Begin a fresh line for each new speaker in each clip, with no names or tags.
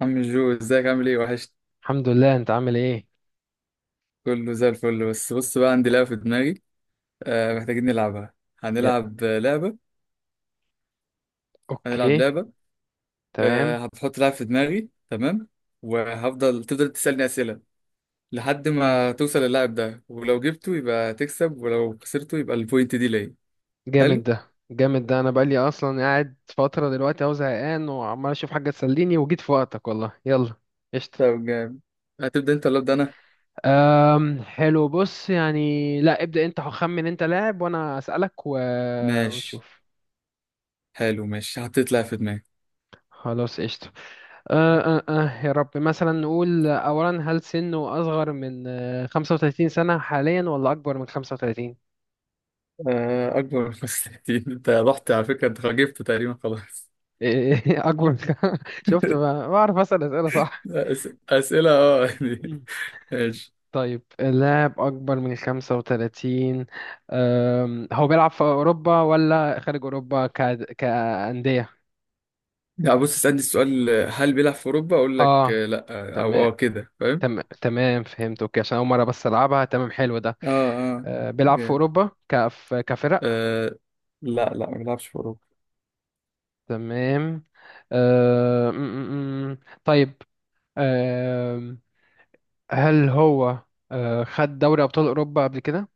عم جو ازيك؟ عامل ايه؟ وحشت.
الحمد لله، انت عامل ايه؟
كله زي الفل. بس بص بقى، عندي لعبة في دماغي. محتاجين نلعبها.
يا
هنلعب لعبة. هنلعب
اوكي،
لعبة. آه،
تمام.
هتحط لعب في دماغي، تمام؟ وهفضل تفضل تسألني أسئلة لحد ما توصل للاعب ده، ولو جبته يبقى تكسب، ولو خسرته يبقى البوينت دي ليا.
جامد
حلو.
ده، جامد ده. انا بقالي اصلا قاعد فتره دلوقتي اهو، زهقان وعمال اشوف حاجه تسليني وجيت في وقتك، والله. يلا، قشطه.
طب جامد. هتبدأ انت ولا أبدأ أنا؟
حلو. بص يعني، لا ابدا، انت خمن، انت لاعب وانا اسالك
ماشي،
ونشوف.
حلو. ماشي، حطيت لعب في دماغي.
خلاص، قشطه. أه أه أه يا رب. مثلا نقول اولا، هل سنه اصغر من 35 سنه حاليا، ولا اكبر من 35؟
آه، أكبر من 65. انت رحت على فكرة، انت جبته تقريبا، خلاص.
اكبر من- شفت بقى، بعرف اسال اسئله صح.
أسئلة، اه.
مم.
ماشي.
طيب، اللاعب أكبر من 35. هو بيلعب في أوروبا ولا خارج أوروبا كأندية؟
يعني بص، اسألني السؤال هل بيلعب في أوروبا، أقول لك
آه،
لأ. أو
تمام.
كده، فاهم؟
تمام تمام، فهمت. أوكي، عشان أول مرة بس ألعبها. تمام، حلو ده.
اه اه.
بيلعب في
جامد.
أوروبا كفرق.
آه. لا، ما بيلعبش في أوروبا.
تمام. أه، م- م- م. طيب، أم، هل هو خد دوري أبطال أوروبا قبل كده؟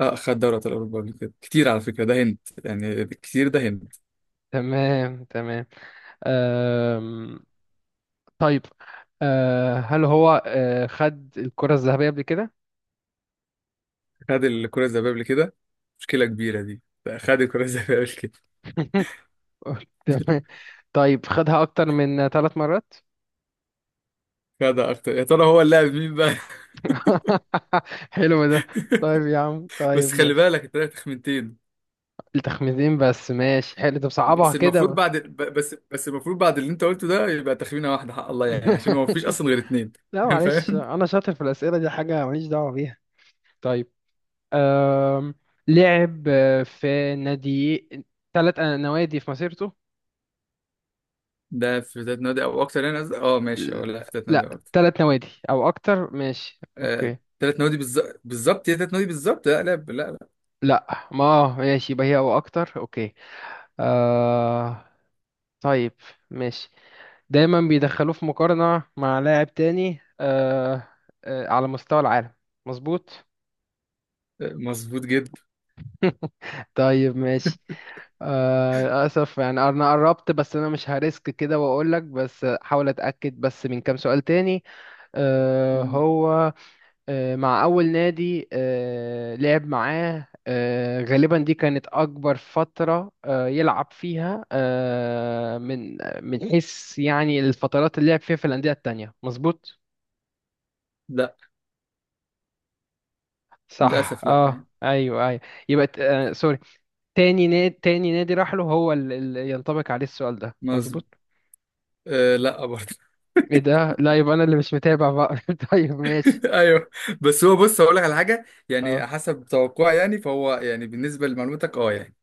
اه، خد دوري أبطال أوروبا قبل كده كتير، على فكرة ده هنت يعني، كتير ده هنت.
تمام، تمام. طيب، هل هو خد الكرة الذهبية قبل كده؟
خد الكرة الذهبية قبل كده. مشكلة كبيرة دي. خد الكرة الذهبية قبل كده.
تمام. طيب، خدها أكتر من 3 مرات؟
خدها أكتر؟ يا ترى هو اللاعب مين بقى؟
حلو ده. طيب يا عم،
بس
طيب
خلي
ماشي.
بالك، أنت لك تخمينتين.
التخمينين بس، ماشي. حلو، طب صعبها
بس
كده
المفروض
بقى.
بعد بس المفروض بعد اللي أنت قلته ده يبقى تخمينة واحدة حق الله، يعني عشان هو مفيش أصلا غير اتنين.
لا معلش،
فاهم.
أنا شاطر في الأسئلة دي، حاجة ماليش دعوة بيها. طيب، آم لعب في نادي، 3 نوادي في مسيرته؟
ده في تلات نوادي او اكتر، يعني قصدي اه، ماشي اه، لا في تلات نوادي
لا،
برضه.
3 نوادي أو أكتر، ماشي
آه،
أوكي.
تلات نوادي بالظبط، بالظبط هي تلات نوادي بالظبط، لا.
لا ما ماشي، يبقى هي او اكتر. اوكي آه، طيب ماشي. دايما بيدخلوه في مقارنة مع لاعب تاني على مستوى العالم، مظبوط.
آه، مظبوط جدا.
طيب ماشي. اسف يعني، انا قربت بس انا مش هريسك كده واقول لك، بس حاول اتاكد بس من كام سؤال تاني. آه
مم.
هو آه، مع أول نادي لعب معاه، غالبا دي كانت أكبر فترة يلعب فيها، من حيث يعني الفترات اللي لعب فيها في الأندية التانية، مظبوط؟
لا،
صح،
للاسف لا
اه
يعني.
أيوه أيوه. يبقى سوري، تاني نادي، تاني نادي راح له هو اللي ينطبق عليه السؤال ده،
مظبوط.
مظبوط؟
آه، لا برضه.
ايه ده؟ لا، يبقى أنا اللي مش متابع بقى. طيب ماشي.
ايوه. بس هو بص، هقول لك على حاجه يعني،
اه،
حسب توقعي يعني، فهو يعني بالنسبه لمعلوماتك اه، يعني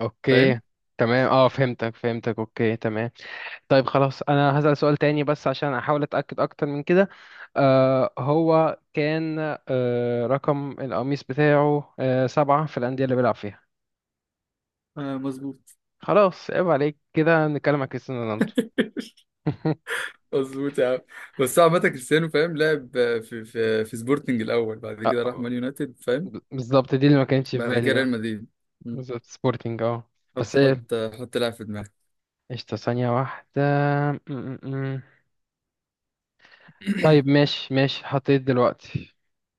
اوكي
فاهم.
تمام. اه فهمتك، اوكي تمام. طيب خلاص، انا هسأل سؤال تاني بس عشان احاول اتأكد اكتر من كده. آه هو كان آه رقم القميص بتاعه 7 في الأندية اللي بيلعب فيها؟
آه، مظبوط.
خلاص، عيب عليك كده، نتكلم عن كريستيانو رونالدو.
مظبوط يا عم. بس هو عامة كريستيانو فاهم، لعب في في سبورتنج الأول، بعد كده راح
آه،
مان يونايتد، فاهم.
بالظبط، دي اللي ما كانتش في
بعد كده
بالي اه.
ريال مدريد. مم.
بالظبط، سبورتنج اه.
طب
بس ايه،
حط لاعب في دماغك.
قشطة، ثانية واحدة. م- م- م. طيب ماشي، ماشي حطيت دلوقتي.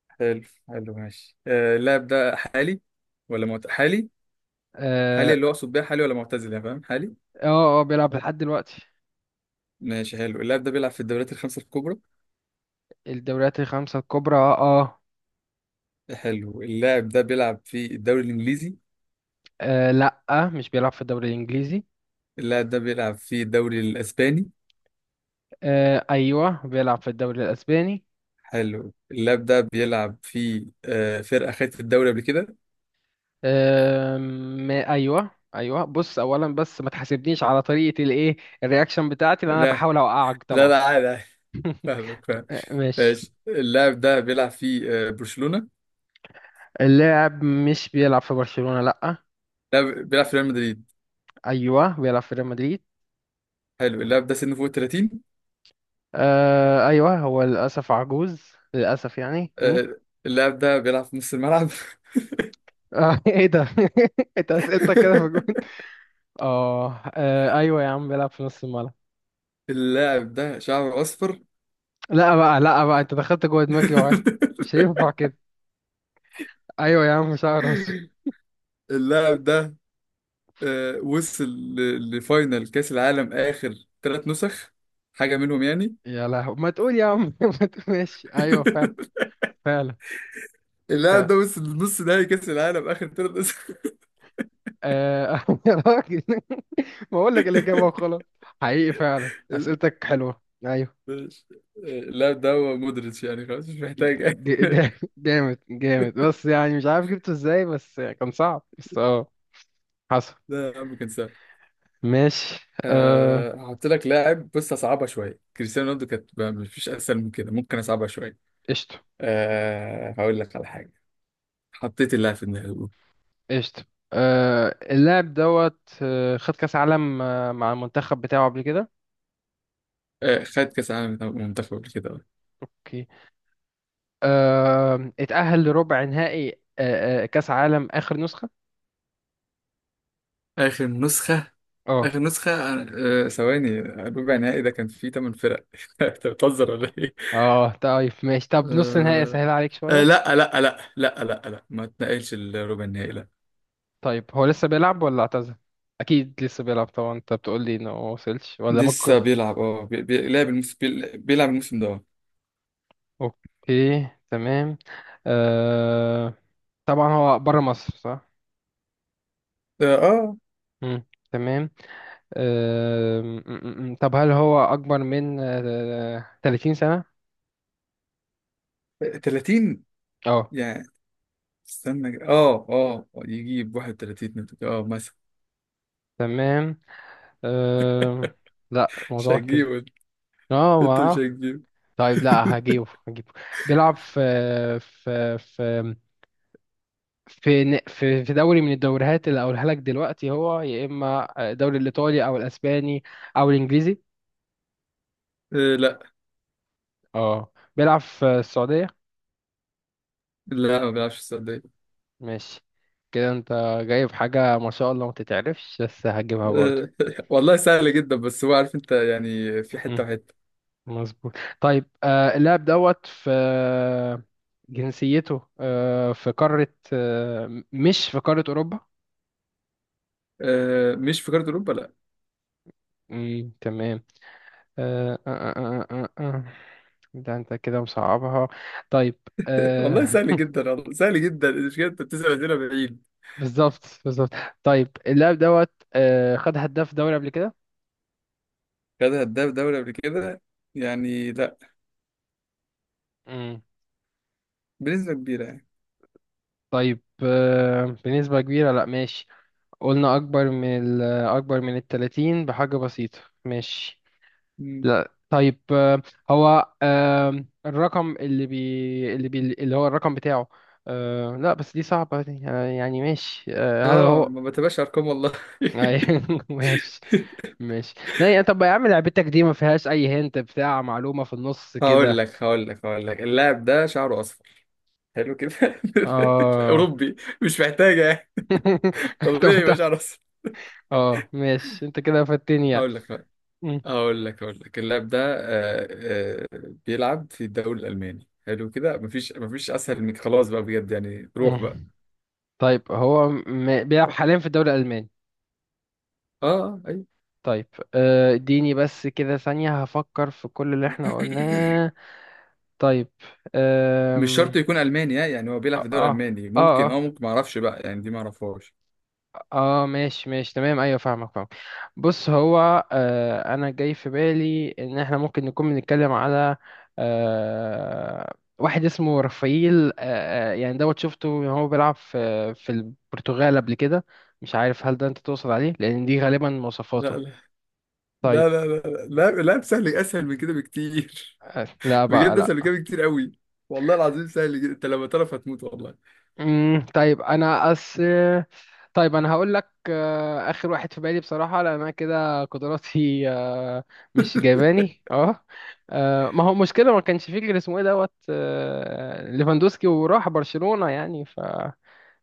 حلو. حلو، ماشي. آه، اللاعب ده حالي ولا حالي؟ حالي
اه
اللي هو اقصد بيها حالي ولا معتزل، يعني فاهم حالي.
اه. بيلعب لحد دلوقتي.
ماشي، حلو. اللاعب ده بيلعب في الدوريات الخمسة الكبرى.
الدوريات الخمسة الكبرى، اه آه.
حلو. اللاعب ده بيلعب في الدوري الإنجليزي.
آه لا، مش بيلعب في الدوري الإنجليزي.
اللاعب ده بيلعب في الدوري الأسباني.
آه أيوه، بيلعب في الدوري الأسباني.
حلو. اللاعب ده بيلعب في فرقة خدت الدوري قبل كده.
آه أيوه أيوه، بص أولا بس ما تحاسبنيش على طريقة الإيه، الرياكشن بتاعتي، لأن أنا
لا،
بحاول أوقعك
لا
طبعا.
لا عادي عادي. فاهمك، فاهم.
آه ماشي.
ماشي. اللاعب ده بيلعب في برشلونة.
اللاعب مش بيلعب في برشلونة، لا.
بيلعب في ريال مدريد.
أيوه بيلعب في ريال مدريد.
حلو. اللاعب ده سنه فوق ال 30.
آه أيوه، هو للأسف عجوز للأسف يعني. م?
آه، اللاعب ده بيلعب في نص الملعب.
آه إيه ده؟ أنت أسئلتك كده في الجون. أيوه يا عم، بيلعب في نص الملعب.
اللاعب ده شعره أصفر.
لا بقى، لا بقى، انت دخلت جوه دماغي مش هينفع كده. ايوه يا عم، شعر اصفر.
اللاعب ده، وصل لفاينل كأس العالم آخر ثلاث نسخ، حاجة منهم يعني.
يا لهو، ما تقول يا عم. ما تقول، ماشي. ايوه فعلا، فعلا
اللاعب
فعلا.
ده وصل لنص نهائي كأس العالم آخر ثلاث نسخ.
آه يا راجل، ما اقول لك الاجابه وخلاص. حقيقي فعلا،
ال-
اسئلتك حلوه، ايوه.
ماشي. اللاعب ده هو مودريتش، يعني خلاص مش محتاج.
جامد، بس يعني مش عارف جبته ازاي، بس كان صعب بس اه. حصل.
لا يا عم، كان سهل.
ماشي. آه
هحط لك لاعب، بص هصعبها شوية، كريستيانو رونالدو كانت بقى مفيش أسهل من كده، ممكن أصعبها شوية.
قشطه،
هقول لك على حاجة، حطيت اللاعب في دماغي.
قشطه. اللاعب دوت خد كاس عالم مع المنتخب بتاعه قبل كده.
خد كأس العالم بتاع منتخب قبل كده، آه.
اوكي. اتأهل لربع نهائي كأس عالم آخر نسخة؟
آخر نسخة.
اه
آخر نسخة. آه، ثواني، الربع النهائي ده كان فيه تمن فرق، أنت بتهزر ولا إيه؟
اه. طيب ماشي، طب نص نهائي
آه،
اسهل عليك
آه،
شوية.
لا آه، لا آه، لا لا آه، لا آه، لا ما اتنقلش الربع النهائي لا.
طيب هو لسه بيلعب ولا اعتزل؟ اكيد لسه بيلعب طبعا، انت بتقول لي انه ما وصلش، ولا
لسه
ممكن.
بيلعب، اه، لعب الموسم، بيلعب الموسم ده، اه.
اوكي تمام. آه... طبعا هو بره مصر، صح؟
اه.
مم. تمام. آه... م- م- م. طب هل هو اكبر من 30 سنة؟
آه، 30
اه
يعني، استنى اه، اه يجيب 31 اه مثلا.
تمام. آه... لا
مش
الموضوع كده،
هتجيبه. انت مش
اه.
هتجيبه.
طيب لا، هجيبه هجيبه. بيلعب في في في في دوري من الدوريات اللي هقولها لك دلوقتي، هو يا اما الدوري الايطالي او الاسباني او الانجليزي.
لا،
اه، بيلعب في السعوديه؟
لا ما بيلعبش السعودية.
ماشي. كده انت جايب حاجه ما شاء الله، ما تتعرفش، بس هجيبها برضو.
آه. والله سهل جدا، بس هو عارف انت يعني في
م-
حته وحته.
مظبوط. طيب، اللاعب دوت في جنسيته آه، في قاره آه، مش في قاره اوروبا.
مش في كارت اوروبا، لا.
م، تمام. آه آه آه آه آه. آه. آه. ده انت كده مصعبها. طيب
والله
آه.
سهل جدا، والله سهل جدا، مش كده انت بتسال اسئله بعيد.
بالظبط بالظبط. طيب، اللاعب دوت آه، خد هداف دوري قبل كده؟
خدها هداف دوري قبل كده؟ يعني لا.
مم.
بنسبه كبيره يعني.
طيب بنسبة كبيرة، لا ماشي. قلنا أكبر من التلاتين بحاجة بسيطة، ماشي.
مم.
لا طيب، آه هو آه الرقم اللي هو الرقم بتاعه لا، بس دي صعبة دي. آه يعني ماشي. آه هل
اه،
هو
ما بتبقاش ارقام والله.
ماشي ماشي. لا يا، طب يا عم، لعبتك دي ما فيهاش اي هنت بتاع معلومة في النص
هقول
كده.
لك هقول لك هقول لك اللاعب ده شعره اصفر، حلو كده.
اه.
اوروبي، مش محتاجه يعني،
طب
طبيعي
انت،
يبقى شعره اصفر.
اه ماشي، انت كده فاتني يعني.
هقول لك،
مم.
اقول لك اللاعب ده، بيلعب في الدوري الالماني، حلو كده. مفيش اسهل من، خلاص بقى بجد يعني، روح بقى.
مم. طيب هو بيلعب حاليا في الدوري الألماني.
اه. آه، ايوه.
طيب اديني بس كده ثانية هفكر في كل اللي احنا قلناه. طيب
مش شرط
آم،
يكون الماني ها، يعني هو بيلعب في
اه
الدوري
اه
الالماني
اه
ممكن، اه
اه
ممكن، ما اعرفش بقى يعني، دي ما اعرفهاش.
اه ماشي ماشي تمام، ايوه فاهمك، فاهم. بص هو، انا جاي في بالي ان احنا ممكن نكون بنتكلم على واحد اسمه رافائيل. يعني دوت شفته وهو بيلعب في البرتغال قبل كده، مش عارف هل ده انت تقصد عليه، لان دي غالبا مواصفاته.
لا لا
طيب
لا لا لا لا لا لا، سهل، اسهل من كده بكتير.
آه لا بقى
بجد، اسهل من
لا.
كده بكتير قوي. والله العظيم سهل جدا، انت لما تعرف هتموت والله.
طيب انا أس طيب انا هقول لك اخر واحد في بالي بصراحه، لان انا كده قدراتي مش جايباني اه. ما هو مشكله ما كانش فيه غير اسمه ايه دوت ليفاندوسكي وراح برشلونه يعني، ف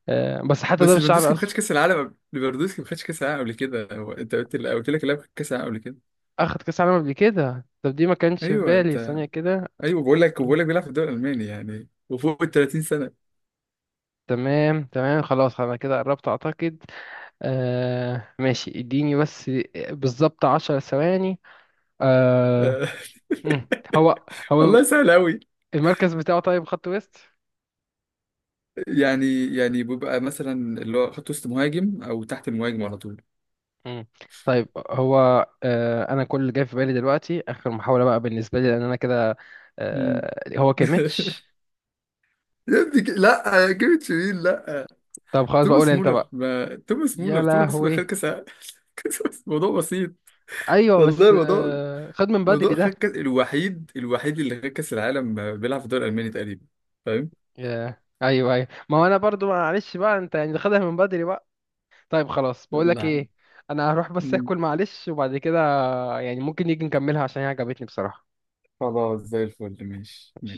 بس حتى ده
بس
مش شعر
ليفاندوسكي ما
اصلا.
خدش كاس العالم ليفاندوسكي ما خدش كاس العالم قبل كده، هو انت قلت، قلت لك اللاعب خد كاس العالم قبل كده.
اخد كاس عالم قبل كده؟ طب دي ما كانش في
ايوه
بالي،
انت.
ثانيه كده.
ايوه، بقول لك بيلعب في الدوري الالماني يعني، وفوق ال 30 سنه.
تمام تمام، خلاص انا كده قربت اعتقد. آه ماشي، اديني بس بالظبط 10 ثواني. آه
آه.
مم. هو هو
والله سهل قوي.
المركز بتاعه، طيب خط ويست.
يعني بيبقى مثلا اللي هو خط وسط مهاجم، او تحت المهاجم على طول.
مم. طيب هو، انا كل اللي جاي في بالي دلوقتي اخر محاولة بقى بالنسبة لي، لان انا كده
مم.
هو كيميتش؟
يا ابني، لا يا جيمي تشيرين، لا.
طب خلاص، بقول
توماس
انت
مولر
بقى.
ما... توماس
يا
مولر توماس مولر خد
لهوي.
كاس العالم. كاس العالم، موضوع بسيط.
ايوه
والله
بس
موضوع،
خد من بدري
موضوع
ده.
خد كاس، الوحيد، الوحيد اللي خد كاس العالم بيلعب في الدوري الالماني تقريبا، فاهم.
ايوه ايوه، ما هو انا برضو معلش بقى، انت يعني خدها من بدري بقى. طيب خلاص، بقول
يلا
لك
يا عم.
ايه، انا هروح بس
مم.
اكل معلش، وبعد كده يعني ممكن نيجي نكملها، عشان هي عجبتني بصراحة.
خلاص زي الفل، ماشي ماشي.